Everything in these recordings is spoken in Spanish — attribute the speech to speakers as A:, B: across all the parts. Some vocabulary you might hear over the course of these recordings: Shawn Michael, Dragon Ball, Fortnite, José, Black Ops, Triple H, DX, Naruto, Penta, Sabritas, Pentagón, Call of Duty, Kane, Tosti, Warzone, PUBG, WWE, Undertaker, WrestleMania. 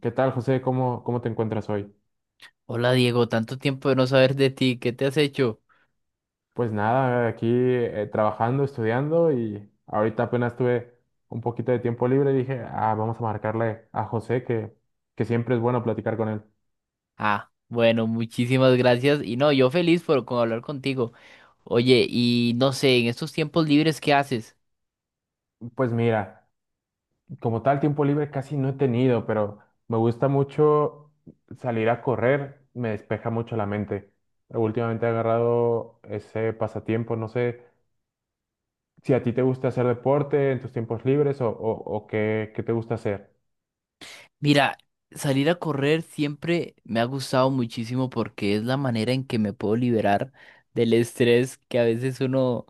A: ¿Qué tal, José? ¿Cómo te encuentras hoy?
B: Hola Diego, tanto tiempo de no saber de ti, ¿qué te has hecho?
A: Pues nada, aquí trabajando, estudiando y ahorita apenas tuve un poquito de tiempo libre y dije, ah, vamos a marcarle a José que siempre es bueno platicar con él.
B: Ah, bueno, muchísimas gracias y no, yo feliz por con hablar contigo. Oye, y no sé, en estos tiempos libres, ¿qué haces?
A: Pues mira, como tal tiempo libre casi no he tenido, pero me gusta mucho salir a correr, me despeja mucho la mente. Últimamente he agarrado ese pasatiempo, no sé si a ti te gusta hacer deporte en tus tiempos libres o qué, qué te gusta hacer.
B: Mira, salir a correr siempre me ha gustado muchísimo porque es la manera en que me puedo liberar del estrés que a veces uno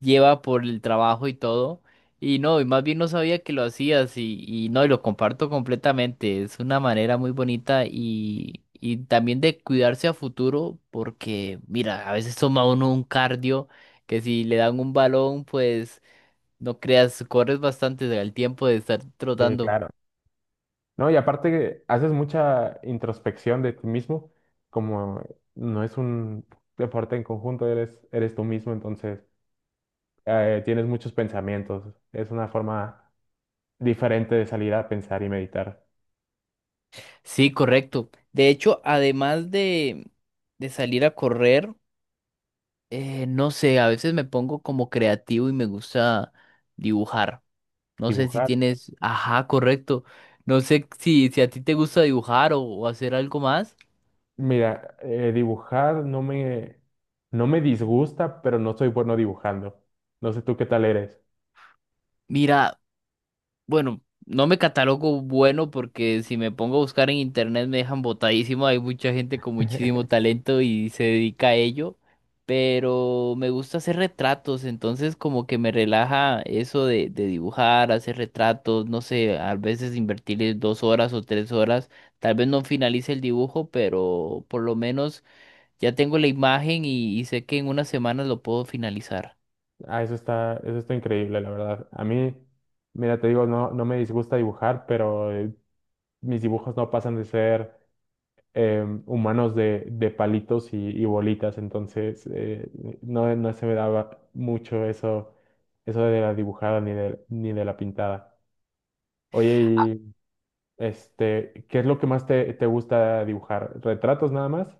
B: lleva por el trabajo y todo. Y no, y más bien no sabía que lo hacías y no, y lo comparto completamente. Es una manera muy bonita y también de cuidarse a futuro porque, mira, a veces toma uno un cardio que si le dan un balón, pues no creas, corres bastante el tiempo de estar
A: Sí,
B: trotando.
A: claro. No, y aparte que haces mucha introspección de ti mismo, como no es un deporte en conjunto, eres, eres tú mismo, entonces tienes muchos pensamientos. Es una forma diferente de salir a pensar y meditar.
B: Sí, correcto. De hecho, de salir a correr, no sé, a veces me pongo como creativo y me gusta dibujar. No sé si
A: Dibujar.
B: tienes, ajá, correcto. No sé si, si a ti te gusta dibujar o hacer algo más.
A: Mira, dibujar no me disgusta, pero no soy bueno dibujando. No sé tú qué tal eres.
B: Mira, bueno, no me catalogo bueno porque si me pongo a buscar en internet me dejan botadísimo. Hay mucha gente con muchísimo talento y se dedica a ello. Pero me gusta hacer retratos, entonces como que me relaja eso de dibujar, hacer retratos, no sé, a veces invertirle dos horas o tres horas. Tal vez no finalice el dibujo, pero por lo menos ya tengo la imagen y sé que en unas semanas lo puedo finalizar.
A: Ah, eso está increíble, la verdad. A mí, mira, te digo, no, no me disgusta dibujar, pero mis dibujos no pasan de ser humanos de palitos y bolitas, entonces no, no se me daba mucho eso, eso de la dibujada ni de, ni de la pintada. Oye, y este, ¿qué es lo que más te, te gusta dibujar? ¿Retratos nada más?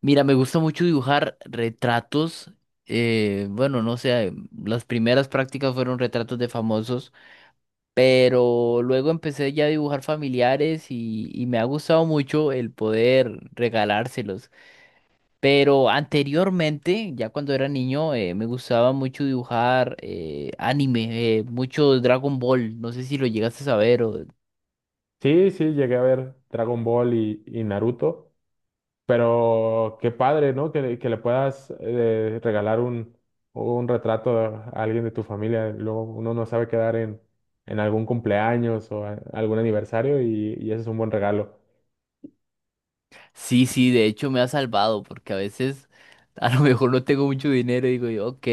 B: Mira, me gusta mucho dibujar retratos. Bueno, no sé, las primeras prácticas fueron retratos de famosos, pero luego empecé ya a dibujar familiares y me ha gustado mucho el poder regalárselos. Pero anteriormente, ya cuando era niño, me gustaba mucho dibujar anime, mucho Dragon Ball. No sé si lo llegaste a saber o
A: Sí, sí, llegué a ver Dragon Ball y Naruto. Pero qué padre, ¿no? Que le puedas regalar un retrato a alguien de tu familia. Luego uno no sabe quedar en algún cumpleaños o algún aniversario y ese es un buen regalo.
B: sí, sí, de hecho me ha salvado porque a veces a lo mejor no tengo mucho dinero y digo yo, ok,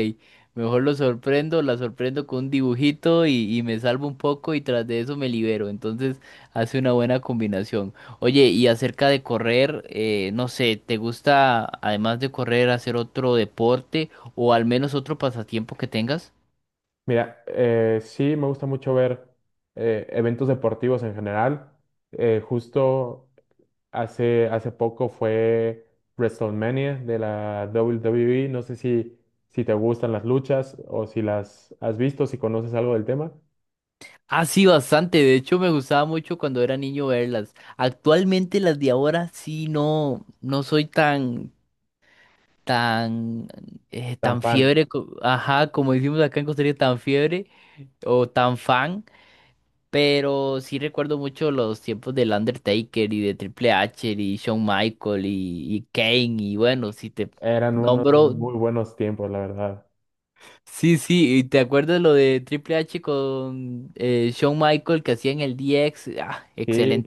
B: mejor lo sorprendo, la sorprendo con un dibujito y me salvo un poco y tras de eso me libero. Entonces hace una buena combinación. Oye, y acerca de correr, no sé, ¿te gusta además de correr hacer otro deporte o al menos otro pasatiempo que tengas?
A: Mira, sí me gusta mucho ver eventos deportivos en general. Justo hace, hace poco fue WrestleMania de la WWE. No sé si, si te gustan las luchas o si las has visto, si conoces algo del tema.
B: Ah, sí, bastante. De hecho, me gustaba mucho cuando era niño verlas. Actualmente las de ahora sí no, no soy tan tan, tan
A: Tampoco.
B: fiebre, co- ajá, como decimos acá en Costa Rica, tan fiebre o tan fan, pero sí recuerdo mucho los tiempos del Undertaker y de Triple H y Shawn Michael y Kane y bueno, si te
A: Eran unos
B: nombro,
A: muy buenos tiempos, la verdad.
B: sí, sí, y te acuerdas lo de Triple H con Shawn Michael que hacían el DX, ah,
A: Sí,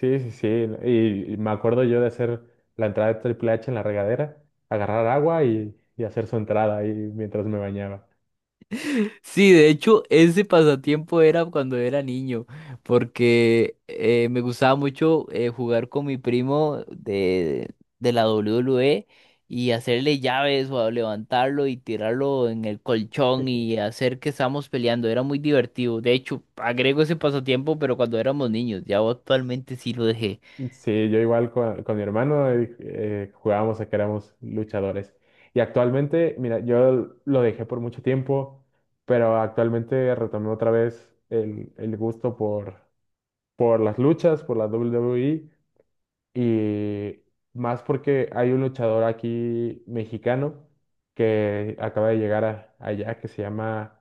A: sí, sí, sí. Y me acuerdo yo de hacer la entrada de Triple H en la regadera, agarrar agua y hacer su entrada ahí mientras me bañaba.
B: sí, de hecho, ese pasatiempo era cuando era niño, porque me gustaba mucho jugar con mi primo de la WWE y hacerle llaves o a levantarlo y tirarlo en el colchón y hacer que estábamos peleando. Era muy divertido. De hecho, agrego ese pasatiempo, pero cuando éramos niños, ya actualmente sí lo dejé.
A: Sí, yo igual con mi hermano jugábamos a que éramos luchadores. Y actualmente, mira, yo lo dejé por mucho tiempo, pero actualmente retomé otra vez el gusto por las luchas, por la WWE. Y más porque hay un luchador aquí mexicano que acaba de llegar allá que se llama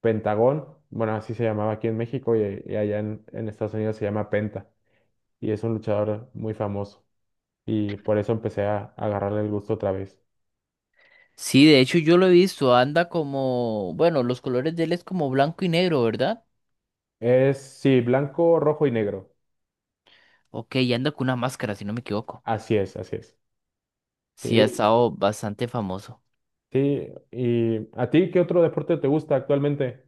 A: Pentagón. Bueno, así se llamaba aquí en México y allá en Estados Unidos se llama Penta. Y es un luchador muy famoso. Y por eso empecé a agarrarle el gusto otra vez.
B: Sí, de hecho, yo lo he visto. Anda como, bueno, los colores de él es como blanco y negro, ¿verdad?
A: Es, sí, blanco, rojo y negro.
B: Ok, y anda con una máscara, si no me equivoco.
A: Así es, así es.
B: Sí, ha
A: Sí,
B: estado bastante famoso.
A: sí. ¿Y a ti qué otro deporte te gusta actualmente?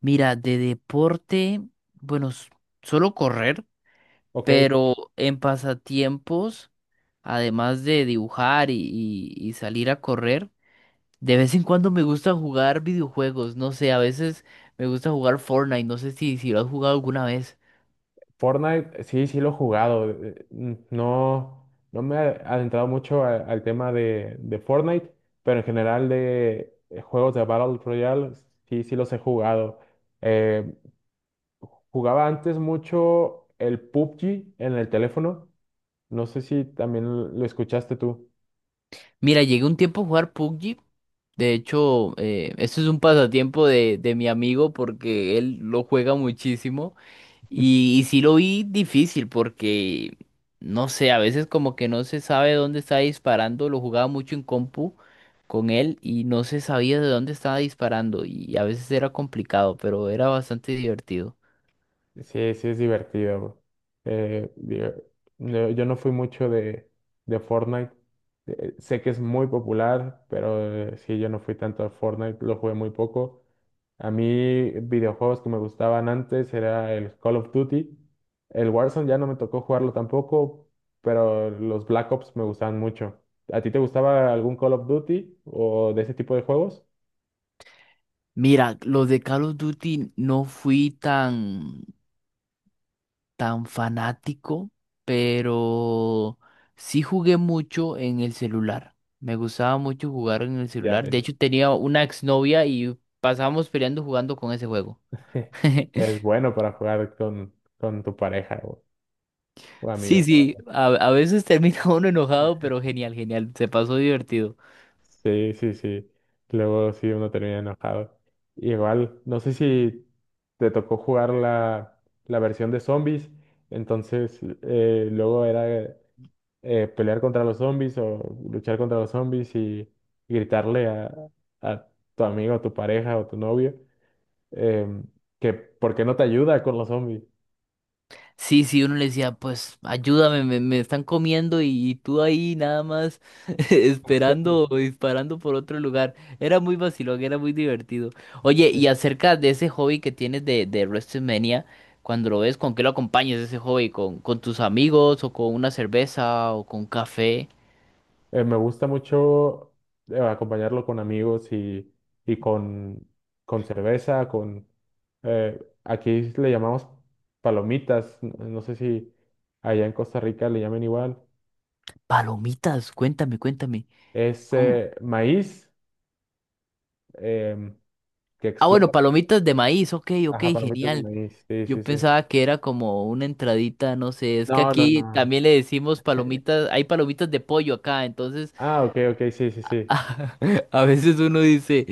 B: Mira, de deporte, bueno, s- solo correr,
A: Ok.
B: pero en pasatiempos, además de dibujar y salir a correr, de vez en cuando me gusta jugar videojuegos. No sé, a veces me gusta jugar Fortnite, no sé si, si lo has jugado alguna vez.
A: Fortnite, sí, sí lo he jugado. No, no me he adentrado mucho al tema de Fortnite, pero en general de juegos de Battle Royale, sí, sí los he jugado. Eh, jugaba antes mucho el PUBG en el teléfono. No sé si también lo escuchaste tú.
B: Mira, llegué un tiempo a jugar PUBG. De hecho, esto es un pasatiempo de mi amigo porque él lo juega muchísimo. Y sí lo vi difícil porque, no sé, a veces como que no se sabe dónde está disparando, lo jugaba mucho en compu con él y no se sabía de dónde estaba disparando y a veces era complicado, pero era bastante divertido.
A: Sí, sí es divertido, bro. Digo, yo no fui mucho de Fortnite. Sé que es muy popular, pero sí, yo no fui tanto a Fortnite, lo jugué muy poco. A mí, videojuegos que me gustaban antes era el Call of Duty. El Warzone ya no me tocó jugarlo tampoco, pero los Black Ops me gustaban mucho. ¿A ti te gustaba algún Call of Duty o de ese tipo de juegos?
B: Mira, los de Call of Duty no fui tan, tan fanático, pero sí jugué mucho en el celular. Me gustaba mucho jugar en el
A: Ya,
B: celular. De hecho, tenía una exnovia y pasábamos peleando jugando con ese juego.
A: es bueno para jugar con tu pareja o
B: Sí,
A: amigos,
B: sí,
A: ¿no?
B: a veces termina uno enojado, pero genial, genial, se pasó divertido.
A: Sí, sí, sí. Luego sí uno termina enojado. Igual, no sé si te tocó jugar la, la versión de zombies, entonces luego era pelear contra los zombies o luchar contra los zombies y gritarle a tu amigo, tu pareja o tu novio em, que por qué no te ayuda con los zombies.
B: Sí, sí, uno le decía, pues ayúdame, me están comiendo y tú ahí nada más esperando o disparando por otro lugar. Era muy vacilón, era muy divertido. Oye, y acerca de ese hobby que tienes de WrestleMania, cuando lo ves, ¿con qué lo acompañas ese hobby? Con tus amigos o con una cerveza o con café?
A: Me gusta mucho acompañarlo con amigos y con cerveza, con... aquí le llamamos palomitas, no sé si allá en Costa Rica le llamen igual.
B: Palomitas, cuéntame, cuéntame.
A: Es maíz em, que
B: Ah, bueno,
A: explota.
B: palomitas de maíz, ok, ok,
A: Ajá, palomitas de
B: genial.
A: maíz, sí,
B: Yo
A: sí, sí.
B: pensaba que era como una entradita, no sé, es que
A: No, no,
B: aquí
A: no.
B: también le decimos palomitas, hay palomitas de pollo acá, entonces
A: Ah, ok, ok, sí, sí, sí.
B: a, veces uno dice,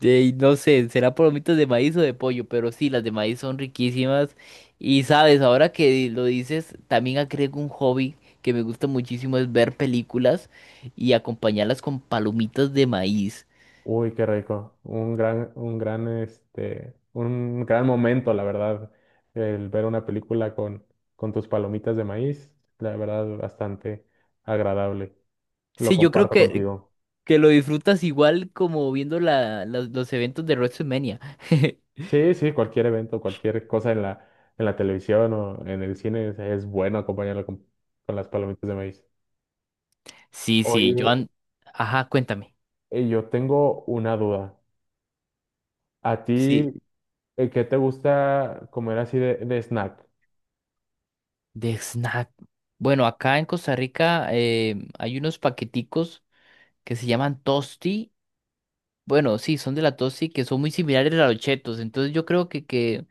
B: "Ey, no sé, será palomitas de maíz o de pollo, pero sí, las de maíz son riquísimas. Y sabes, ahora que lo dices, también agrego un hobby que me gusta muchísimo, es ver películas y acompañarlas con palomitas de maíz.
A: Uy, qué rico. Un gran, este, un gran momento, la verdad, el ver una película con tus palomitas de maíz, la verdad, bastante agradable. Lo
B: Sí, yo creo
A: comparto
B: que
A: contigo.
B: lo disfrutas igual como viendo los eventos de WrestleMania.
A: Sí, sí, cualquier evento, cualquier cosa en la televisión o en el cine es bueno acompañarlo con las palomitas de maíz.
B: Sí, sí,
A: Oye,
B: Joan. Ajá, cuéntame.
A: yo tengo una duda. ¿A ti,
B: Sí,
A: qué te gusta comer así de snack?
B: de snack. Bueno, acá en Costa Rica hay unos paqueticos que se llaman Tosti. Bueno, sí, son de la Tosti que son muy similares a los chetos. Entonces yo creo que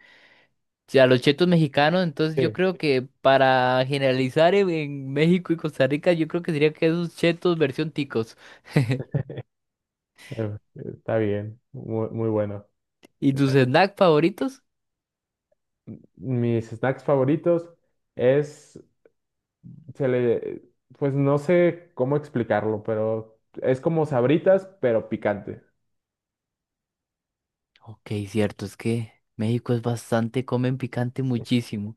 B: sí, a los chetos mexicanos, entonces
A: Sí,
B: yo creo que para generalizar en México y Costa Rica, yo creo que sería que esos chetos versión ticos.
A: está bien, muy, muy bueno.
B: ¿Y tus snacks favoritos?
A: Mis snacks favoritos es, se le, pues no sé cómo explicarlo, pero es como Sabritas, pero picante.
B: Ok, cierto, es que México es bastante, comen picante muchísimo.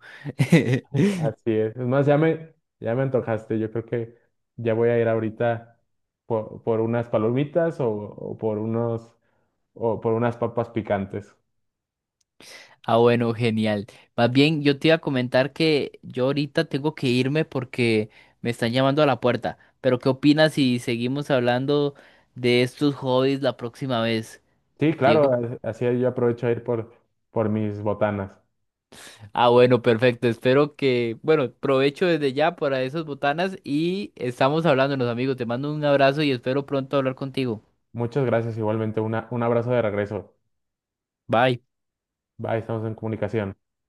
A: Así es. Es más, ya me antojaste. Yo creo que ya voy a ir ahorita por unas palomitas o por unos, o por unas papas picantes.
B: Ah, bueno, genial. Más bien, yo te iba a comentar que yo ahorita tengo que irme porque me están llamando a la puerta. Pero, ¿qué opinas si seguimos hablando de estos hobbies la próxima vez,
A: Sí, claro,
B: Diego?
A: así yo aprovecho a ir por mis botanas.
B: Ah, bueno, perfecto. Espero que, bueno, provecho desde ya para esas botanas y estamos hablándonos, amigos. Te mando un abrazo y espero pronto hablar contigo.
A: Muchas gracias, igualmente. Una, un abrazo de regreso.
B: Bye.
A: Bye, estamos en comunicación.